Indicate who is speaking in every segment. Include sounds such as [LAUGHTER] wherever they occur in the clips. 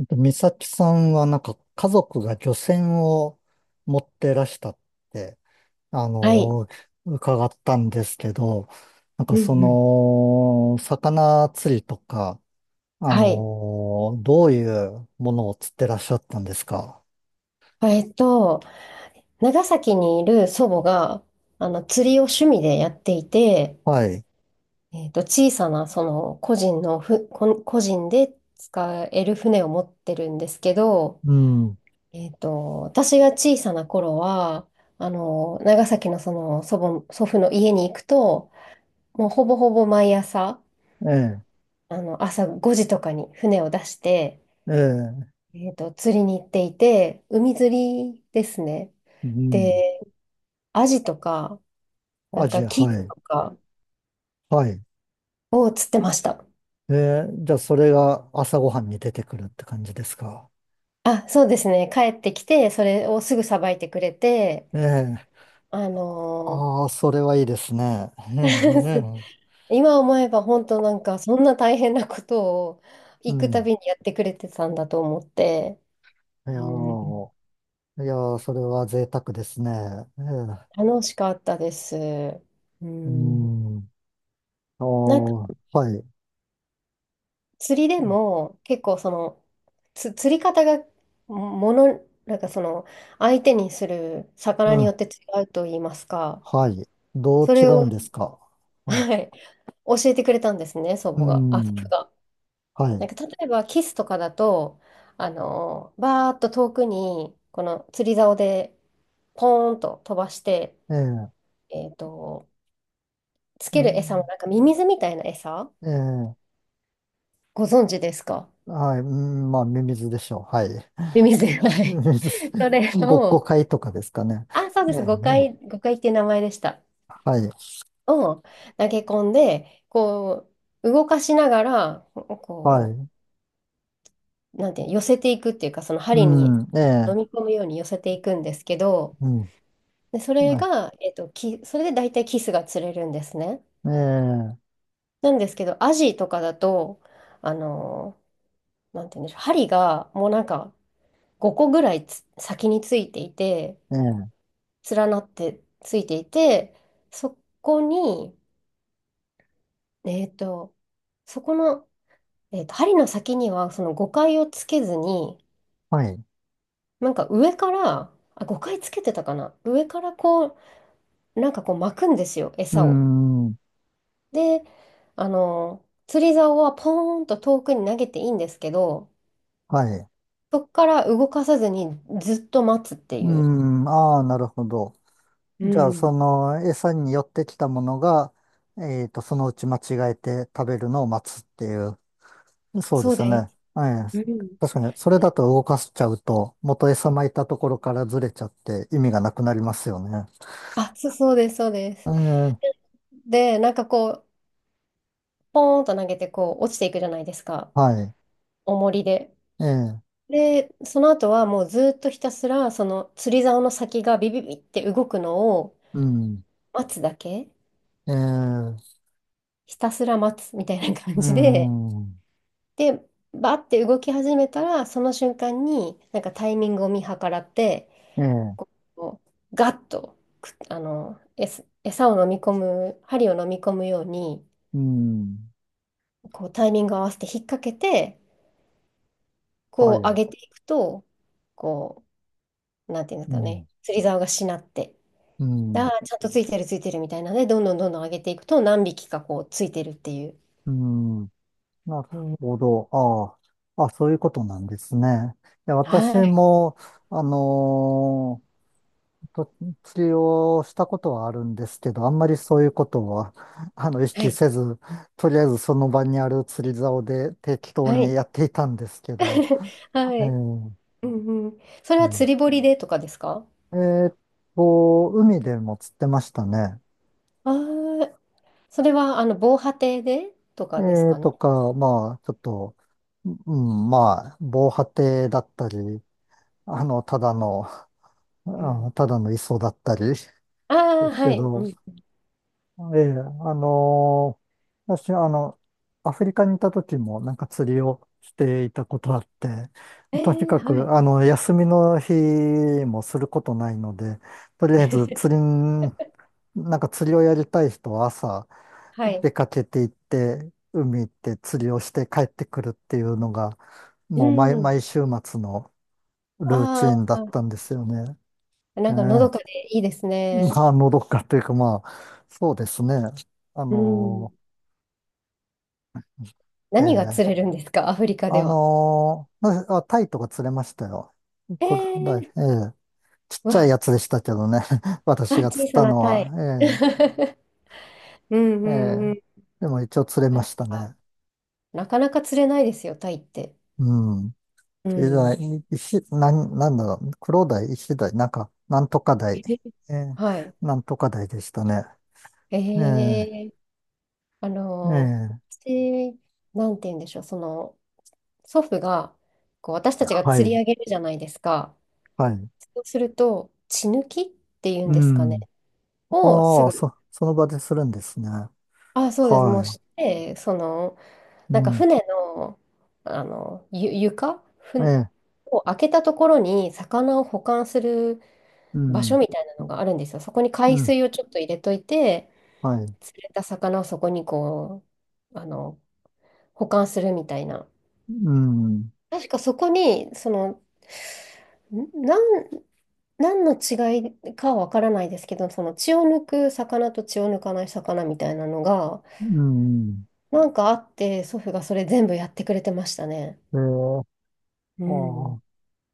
Speaker 1: 美咲さんはなんか家族が漁船を持ってらしたって、あ
Speaker 2: はい。
Speaker 1: の、伺ったんですけど、なん
Speaker 2: う
Speaker 1: か
Speaker 2: ん
Speaker 1: そ
Speaker 2: うん。
Speaker 1: の、魚釣りとか、
Speaker 2: はい。
Speaker 1: どういうものを釣ってらっしゃったんですか？
Speaker 2: えっと、長崎にいる祖母が、釣りを趣味でやっていて、
Speaker 1: はい。
Speaker 2: 小さな、その、個人のふ、こ個人で使える船を持ってるんですけど、
Speaker 1: うん。
Speaker 2: 私が小さな頃は、長崎のその、祖父の家に行くと、もうほぼほぼ毎朝、
Speaker 1: え
Speaker 2: 朝5時とかに船を出して、
Speaker 1: え、ええ、
Speaker 2: 釣りに行っていて、海釣りですね。
Speaker 1: うん。
Speaker 2: アジとか、な
Speaker 1: ア
Speaker 2: ん
Speaker 1: ジ
Speaker 2: か
Speaker 1: ア、
Speaker 2: キ
Speaker 1: は
Speaker 2: ス
Speaker 1: い。
Speaker 2: とか
Speaker 1: はい。
Speaker 2: を釣ってました。
Speaker 1: ええ、じゃあそれが朝ごはんに出てくるって感じですか？
Speaker 2: あ、そうですね。帰ってきて、それをすぐさばいてくれて、
Speaker 1: ええ、
Speaker 2: あの
Speaker 1: ああ、それはいいですね。ええ、
Speaker 2: ー [LAUGHS]
Speaker 1: ええ、
Speaker 2: 今思えば本当なんかそんな大変なことを
Speaker 1: う
Speaker 2: 行くた
Speaker 1: ん。
Speaker 2: びにやってくれてたんだと思って、
Speaker 1: いや
Speaker 2: うん、
Speaker 1: ー、いやー、それは贅沢ですね。ええ、
Speaker 2: 楽しかったです。う
Speaker 1: う
Speaker 2: ん、
Speaker 1: ん。あ
Speaker 2: なんか
Speaker 1: ー、はい。
Speaker 2: 釣りでも結構その釣り方がもの、なんかその相手にする魚
Speaker 1: う
Speaker 2: によ
Speaker 1: ん。
Speaker 2: って違うと言いますか。
Speaker 1: はい。どう
Speaker 2: そ
Speaker 1: 違
Speaker 2: れを、
Speaker 1: うんですか？はい。
Speaker 2: はい、教えてくれたんですね、祖
Speaker 1: う
Speaker 2: 母が。あ、祖父
Speaker 1: ん。
Speaker 2: が。
Speaker 1: は
Speaker 2: な
Speaker 1: い。
Speaker 2: んか例えばキスとかだと、バーっと遠くに、この釣り竿でポーンと飛ばして、
Speaker 1: ええ、
Speaker 2: えっと、つ
Speaker 1: う
Speaker 2: ける餌も
Speaker 1: ん。
Speaker 2: なんかミミズみたいな餌
Speaker 1: ええ、
Speaker 2: ご存知ですか？
Speaker 1: はい。うん、まあ、ミミズでしょう。はい。
Speaker 2: ミミズ。は
Speaker 1: [LAUGHS] ミ
Speaker 2: い。
Speaker 1: ミズ、
Speaker 2: そ
Speaker 1: [LAUGHS]
Speaker 2: れ
Speaker 1: ごっこ
Speaker 2: を、
Speaker 1: 会とかですかね。
Speaker 2: あ、そう
Speaker 1: え
Speaker 2: で
Speaker 1: え、
Speaker 2: す。誤
Speaker 1: うん、
Speaker 2: 解、誤解っていう名前でした。
Speaker 1: はい。
Speaker 2: を投げ込んで、こう、動かしながら、
Speaker 1: は
Speaker 2: こ
Speaker 1: い。
Speaker 2: う、なんていうの寄せていくっていうか、その針に
Speaker 1: うん。
Speaker 2: 飲
Speaker 1: え
Speaker 2: み
Speaker 1: え、
Speaker 2: 込むように寄せていくんですけど、
Speaker 1: うん。
Speaker 2: で、それ
Speaker 1: ね
Speaker 2: が、それで大体キスが釣れるんですね。
Speaker 1: え
Speaker 2: なんですけど、アジとかだと、あのなんていうんでしょう、針がもうなんか5個ぐらい先についていて、
Speaker 1: えええ、
Speaker 2: 連なってついていて、そこに、えっと、そこの、針の先にはその5回をつけずに、
Speaker 1: はい。
Speaker 2: なんか上から、あ、5回つけてたかな。上からこう、なんかこう巻くんですよ、
Speaker 1: う
Speaker 2: 餌を。
Speaker 1: ん。
Speaker 2: で、釣り竿はポーンと遠くに投げていいんですけど、
Speaker 1: はい。
Speaker 2: そこから動かさずにずっと待つって
Speaker 1: う
Speaker 2: いう。
Speaker 1: ん、ああ、なるほど。
Speaker 2: う
Speaker 1: じゃあ、そ
Speaker 2: ん。
Speaker 1: の餌に寄ってきたものが、そのうち間違えて食べるのを待つっていう。そうで
Speaker 2: そう
Speaker 1: すよ
Speaker 2: で
Speaker 1: ね。ええ、
Speaker 2: す。うん。
Speaker 1: 確かに、それだと動かしちゃうと、元餌撒いたところからずれちゃって意味がなくなりますよね。
Speaker 2: あ、そう、そうです、そうで
Speaker 1: え
Speaker 2: す。
Speaker 1: え、
Speaker 2: で、なんかこう、ポーンと投げてこう落ちていくじゃないですか、
Speaker 1: はい。
Speaker 2: 重りで。
Speaker 1: ええ、
Speaker 2: で、その後はもうずっとひたすら、その釣り竿の先がビビビって動くのを
Speaker 1: うん。
Speaker 2: 待つだけ、
Speaker 1: ええ、
Speaker 2: ひたすら待つみたいな感
Speaker 1: う
Speaker 2: じで、
Speaker 1: ん。
Speaker 2: で、バーって動き始めたら、その瞬間に、なんかタイミングを見計らって、
Speaker 1: ええ、
Speaker 2: こうガッとく、あの、餌を飲み込む、針を飲み込むように、
Speaker 1: うん。
Speaker 2: こうタイミングを合わせて引っ掛けて、
Speaker 1: は
Speaker 2: こう上
Speaker 1: い。
Speaker 2: げていくと、こう、なんていうんです
Speaker 1: う
Speaker 2: か
Speaker 1: ん。
Speaker 2: ね、釣り竿がしなって、
Speaker 1: う
Speaker 2: であ
Speaker 1: ん。
Speaker 2: あちゃんとついてるついてるみたいなね、どんどんどんどん上げていくと、何匹かこうついてるっていう。
Speaker 1: うん。なる
Speaker 2: うん、
Speaker 1: ほど。ああ。あ、そういうことなんですね。いや、私
Speaker 2: はい、
Speaker 1: も、あのー釣りをしたことはあるんですけど、あんまりそういうことは、意
Speaker 2: は
Speaker 1: 識
Speaker 2: い、
Speaker 1: せず、とりあえずその場にある釣り竿で適当
Speaker 2: は
Speaker 1: に
Speaker 2: い、
Speaker 1: やっていたんですけど、
Speaker 2: [LAUGHS] は
Speaker 1: え
Speaker 2: い。
Speaker 1: ー
Speaker 2: うんうん、それ
Speaker 1: う
Speaker 2: は
Speaker 1: ん、
Speaker 2: 釣り堀でとかですか？
Speaker 1: えーっ海でも釣ってましたね。
Speaker 2: ああ、それは、防波堤でと
Speaker 1: え
Speaker 2: かですかね。
Speaker 1: とか、まあ、ちょっと、うん、まあ、防波堤だったり、ただの
Speaker 2: うん。
Speaker 1: ただの磯だったりです
Speaker 2: ああ、
Speaker 1: け
Speaker 2: はい。
Speaker 1: ど、
Speaker 2: うん。
Speaker 1: ええ、私、アフリカにいた時もなんか釣りをしていたことあって、
Speaker 2: え
Speaker 1: とに
Speaker 2: え、
Speaker 1: か
Speaker 2: はい。
Speaker 1: く、休みの日もすることないので、とりあえず釣り
Speaker 2: [LAUGHS]
Speaker 1: ん、なんか釣りをやりたい人は朝
Speaker 2: はい。
Speaker 1: 出かけて行って、海行って釣りをして帰ってくるっていうのが、
Speaker 2: う
Speaker 1: もう毎、
Speaker 2: ん。
Speaker 1: 毎週末のルーチ
Speaker 2: あ
Speaker 1: ンだっ
Speaker 2: あ、
Speaker 1: たんですよね。
Speaker 2: な
Speaker 1: え
Speaker 2: んかのどかで
Speaker 1: え、
Speaker 2: いいですね。
Speaker 1: まあ、のどかというか、まあ、そうですね。あ
Speaker 2: う
Speaker 1: の
Speaker 2: ん。何が
Speaker 1: え
Speaker 2: 釣れ
Speaker 1: え、
Speaker 2: るんですか、アフリカでは？
Speaker 1: なあ、タイとか釣れましたよ。
Speaker 2: え
Speaker 1: これ、
Speaker 2: え、
Speaker 1: ええ、ちっ
Speaker 2: う
Speaker 1: ちゃい
Speaker 2: わ、
Speaker 1: やつでしたけどね。[LAUGHS]
Speaker 2: あ、
Speaker 1: 私が
Speaker 2: 小
Speaker 1: 釣っ
Speaker 2: さ
Speaker 1: た
Speaker 2: な
Speaker 1: の
Speaker 2: タ
Speaker 1: は、
Speaker 2: イ。[LAUGHS] うんう
Speaker 1: ええ、え
Speaker 2: んう
Speaker 1: え、
Speaker 2: ん。
Speaker 1: でも一応釣れ
Speaker 2: [LAUGHS] な
Speaker 1: ま
Speaker 2: ん
Speaker 1: した
Speaker 2: か
Speaker 1: ね。
Speaker 2: なかなか釣れないですよ、タイって。
Speaker 1: うん。
Speaker 2: う
Speaker 1: え
Speaker 2: ん。
Speaker 1: え、石、なん、なんだろう。黒鯛、石鯛、なんか、なんとか鯛。
Speaker 2: え
Speaker 1: ええ、
Speaker 2: はい。
Speaker 1: なんとか鯛でしたね。
Speaker 2: え
Speaker 1: ええ、
Speaker 2: え、あの、
Speaker 1: ええ、
Speaker 2: 私、なんて言うんでしょう、その、祖父がこう私たちが
Speaker 1: は
Speaker 2: 釣り
Speaker 1: い、
Speaker 2: 上げるじゃないですか。
Speaker 1: はい。
Speaker 2: そうすると血抜きっていう
Speaker 1: う
Speaker 2: んですかね。
Speaker 1: ん。
Speaker 2: をす
Speaker 1: ああ、
Speaker 2: ぐ、
Speaker 1: その場でするんですね。
Speaker 2: あ、そうです。もう
Speaker 1: は
Speaker 2: して、その、
Speaker 1: い。う
Speaker 2: なんか
Speaker 1: ん。
Speaker 2: 船の、床
Speaker 1: ええ。
Speaker 2: を開けたところに魚を保管する
Speaker 1: う
Speaker 2: 場所
Speaker 1: ん。
Speaker 2: みたいなのがあるんですよ。そこに
Speaker 1: う
Speaker 2: 海
Speaker 1: ん。
Speaker 2: 水をちょっと入れといて、
Speaker 1: はい。
Speaker 2: 釣れた魚をそこにこう、保管するみたいな。
Speaker 1: うん。
Speaker 2: 確かそこに、その、ん何何の違いかはわからないですけど、その血を抜く魚と血を抜かない魚みたいなのが、
Speaker 1: うん。
Speaker 2: なんかあって、祖父がそれ全部やってくれてましたね。
Speaker 1: ええ。
Speaker 2: う
Speaker 1: あ
Speaker 2: ん。
Speaker 1: あ。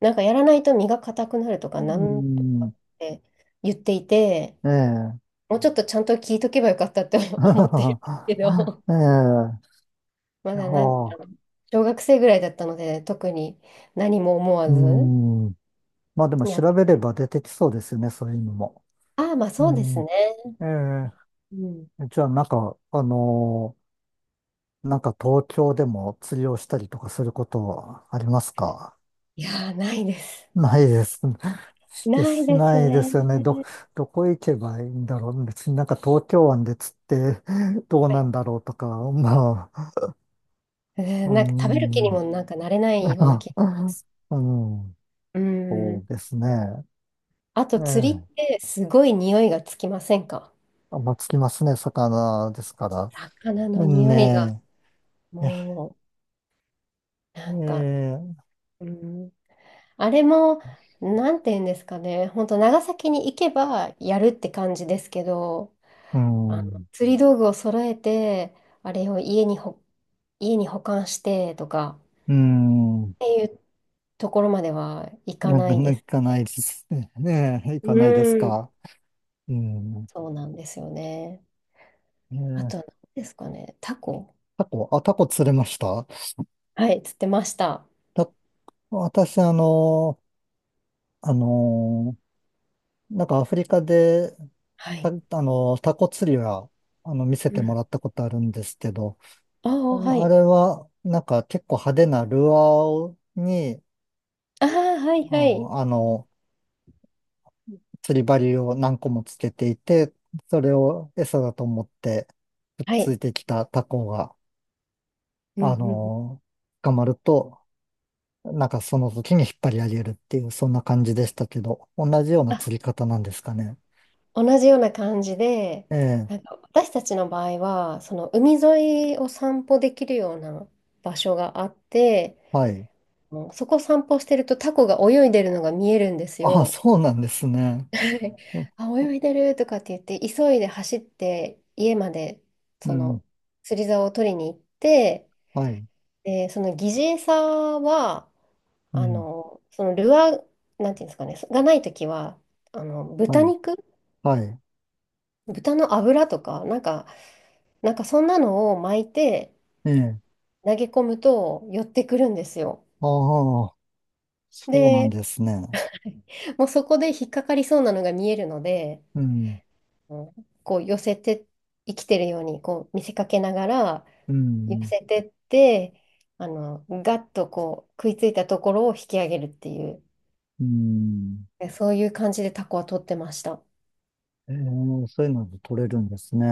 Speaker 2: なんかやらないと身が硬くなるとか、
Speaker 1: う
Speaker 2: なんとか
Speaker 1: ん。
Speaker 2: って言っていて、
Speaker 1: ええ。
Speaker 2: もうちょっとちゃんと聞いとけばよかったって [LAUGHS] 思ってるんですけ
Speaker 1: [LAUGHS]
Speaker 2: ど、
Speaker 1: ええ。
Speaker 2: ま
Speaker 1: いや
Speaker 2: だなんか、
Speaker 1: あ。
Speaker 2: 小学生ぐらいだったので、特に何も思
Speaker 1: う
Speaker 2: わず
Speaker 1: ん。まあでも
Speaker 2: やって
Speaker 1: 調べ
Speaker 2: く
Speaker 1: れ
Speaker 2: れて。
Speaker 1: ば出てきそうですよね、そういうのも。
Speaker 2: ああ、まあ
Speaker 1: う
Speaker 2: そうです
Speaker 1: ん。
Speaker 2: ね。
Speaker 1: え
Speaker 2: うん。
Speaker 1: え。じゃあなんか、なんか東京でも釣りをしたりとかすることありますか？
Speaker 2: いやー、ないです。
Speaker 1: ないです。で
Speaker 2: ない
Speaker 1: す
Speaker 2: です
Speaker 1: ないで
Speaker 2: ね。
Speaker 1: すよね。どこ行けばいいんだろう。別になんか東京湾で釣ってどう
Speaker 2: は
Speaker 1: な
Speaker 2: い、
Speaker 1: んだろうとか、まあ、
Speaker 2: う
Speaker 1: う
Speaker 2: ん、なんか食べる気に
Speaker 1: ん、
Speaker 2: もなんかなれな
Speaker 1: [LAUGHS]
Speaker 2: いような気。
Speaker 1: うん、
Speaker 2: う
Speaker 1: そう
Speaker 2: ん。
Speaker 1: ですね。
Speaker 2: あと
Speaker 1: え
Speaker 2: 釣りっ
Speaker 1: え、
Speaker 2: てすごい匂いがつきませんか？
Speaker 1: あんまあつきますね、魚ですから。
Speaker 2: 魚の
Speaker 1: うん、
Speaker 2: 匂いが。
Speaker 1: ねえ、
Speaker 2: もう、
Speaker 1: え
Speaker 2: なんか、
Speaker 1: え、
Speaker 2: うん。あれも、なんて言うんですかね。本当長崎に行けばやるって感じですけど、
Speaker 1: うん、
Speaker 2: 釣り道具を揃えて、あれを家に保管してとか、
Speaker 1: うん、
Speaker 2: っていうところまではいか
Speaker 1: なん
Speaker 2: な
Speaker 1: か、
Speaker 2: い
Speaker 1: な
Speaker 2: で
Speaker 1: ん
Speaker 2: す。
Speaker 1: かないですね。ねえ、行か
Speaker 2: う
Speaker 1: ないです
Speaker 2: ん。
Speaker 1: か。うん、
Speaker 2: そうなんですよね。
Speaker 1: え
Speaker 2: あ
Speaker 1: え、
Speaker 2: とは何ですかね。タコ、
Speaker 1: タコ、あ、タコ釣れました？
Speaker 2: はい、釣ってました。
Speaker 1: 私、あの、なんかアフリカで、
Speaker 2: は
Speaker 1: た
Speaker 2: い。
Speaker 1: あの、タコ釣りは、あの、見せ
Speaker 2: う
Speaker 1: ても
Speaker 2: ん。
Speaker 1: らったことあるんですけど、
Speaker 2: あ
Speaker 1: あ
Speaker 2: あ、はい。
Speaker 1: れは、なんか結構派手なルアーをに、
Speaker 2: ああ、はい
Speaker 1: う
Speaker 2: はい。
Speaker 1: ん、釣り針を何個もつけていて、それを餌だと思って、くっ
Speaker 2: は
Speaker 1: つい
Speaker 2: い。
Speaker 1: てきたタコが、
Speaker 2: うんう
Speaker 1: あ
Speaker 2: んうん。
Speaker 1: の、捕まると、なんかその時に引っ張り上げるっていう、そんな感じでしたけど、同じような
Speaker 2: あ、
Speaker 1: 釣り方なんですかね。
Speaker 2: 同じような感じで、
Speaker 1: ええ、
Speaker 2: なんか私たちの場合は、その海沿いを散歩できるような場所があって、
Speaker 1: はい。
Speaker 2: もうそこ散歩してるとタコが泳いでるのが見えるんです
Speaker 1: あ、
Speaker 2: よ。
Speaker 1: そうなんですね。
Speaker 2: はい
Speaker 1: う、
Speaker 2: [LAUGHS] あ、泳いでるとかって言って、急いで走って家まで
Speaker 1: う
Speaker 2: そ
Speaker 1: ん。
Speaker 2: の釣り竿を取りに行って、
Speaker 1: はい。
Speaker 2: で、その疑似餌は、
Speaker 1: うん。
Speaker 2: そのルアー、なんていうんですかね、がないときは、
Speaker 1: は
Speaker 2: 豚
Speaker 1: い。
Speaker 2: 肉、
Speaker 1: はい。
Speaker 2: 豚の脂とか、なんかそんなのを巻いて
Speaker 1: ええ。
Speaker 2: 投げ込むと寄ってくるんですよ。
Speaker 1: ああ、そうなん
Speaker 2: で、
Speaker 1: ですね。
Speaker 2: もうそこで引っかかりそうなのが見えるので、
Speaker 1: うん。
Speaker 2: うん、こう寄せて、生きてるようにこう見せかけながら
Speaker 1: う
Speaker 2: 寄
Speaker 1: ん。
Speaker 2: せてって、ガッとこう食いついたところを引き上げるっていう、
Speaker 1: うん。
Speaker 2: そういう感じでタコは取ってました。
Speaker 1: ええ、そういうので取れるんですね。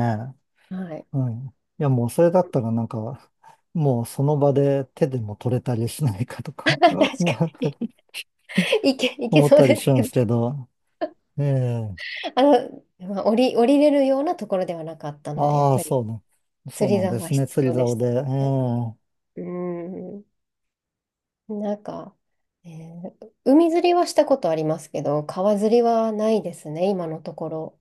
Speaker 2: はい。
Speaker 1: はい。いや、もうそれだったらなんか、もうその場で手でも取れたりしないかと
Speaker 2: [LAUGHS]
Speaker 1: か、
Speaker 2: 確
Speaker 1: [LAUGHS] もう
Speaker 2: かに。いけ
Speaker 1: 思っ
Speaker 2: そう
Speaker 1: たり
Speaker 2: で
Speaker 1: し
Speaker 2: す
Speaker 1: るん
Speaker 2: け
Speaker 1: で
Speaker 2: ど。
Speaker 1: すけど。ええ。
Speaker 2: まあ、降りれるようなところではなかったので、やっ
Speaker 1: ああ、
Speaker 2: ぱり
Speaker 1: そう
Speaker 2: 釣り
Speaker 1: なん
Speaker 2: 竿
Speaker 1: で
Speaker 2: は
Speaker 1: すね。
Speaker 2: 必
Speaker 1: 釣り
Speaker 2: 要でし
Speaker 1: 竿で。
Speaker 2: た
Speaker 1: え
Speaker 2: ね。
Speaker 1: え。
Speaker 2: うん。なんか、海釣りはしたことありますけど、川釣りはないですね、今のところ。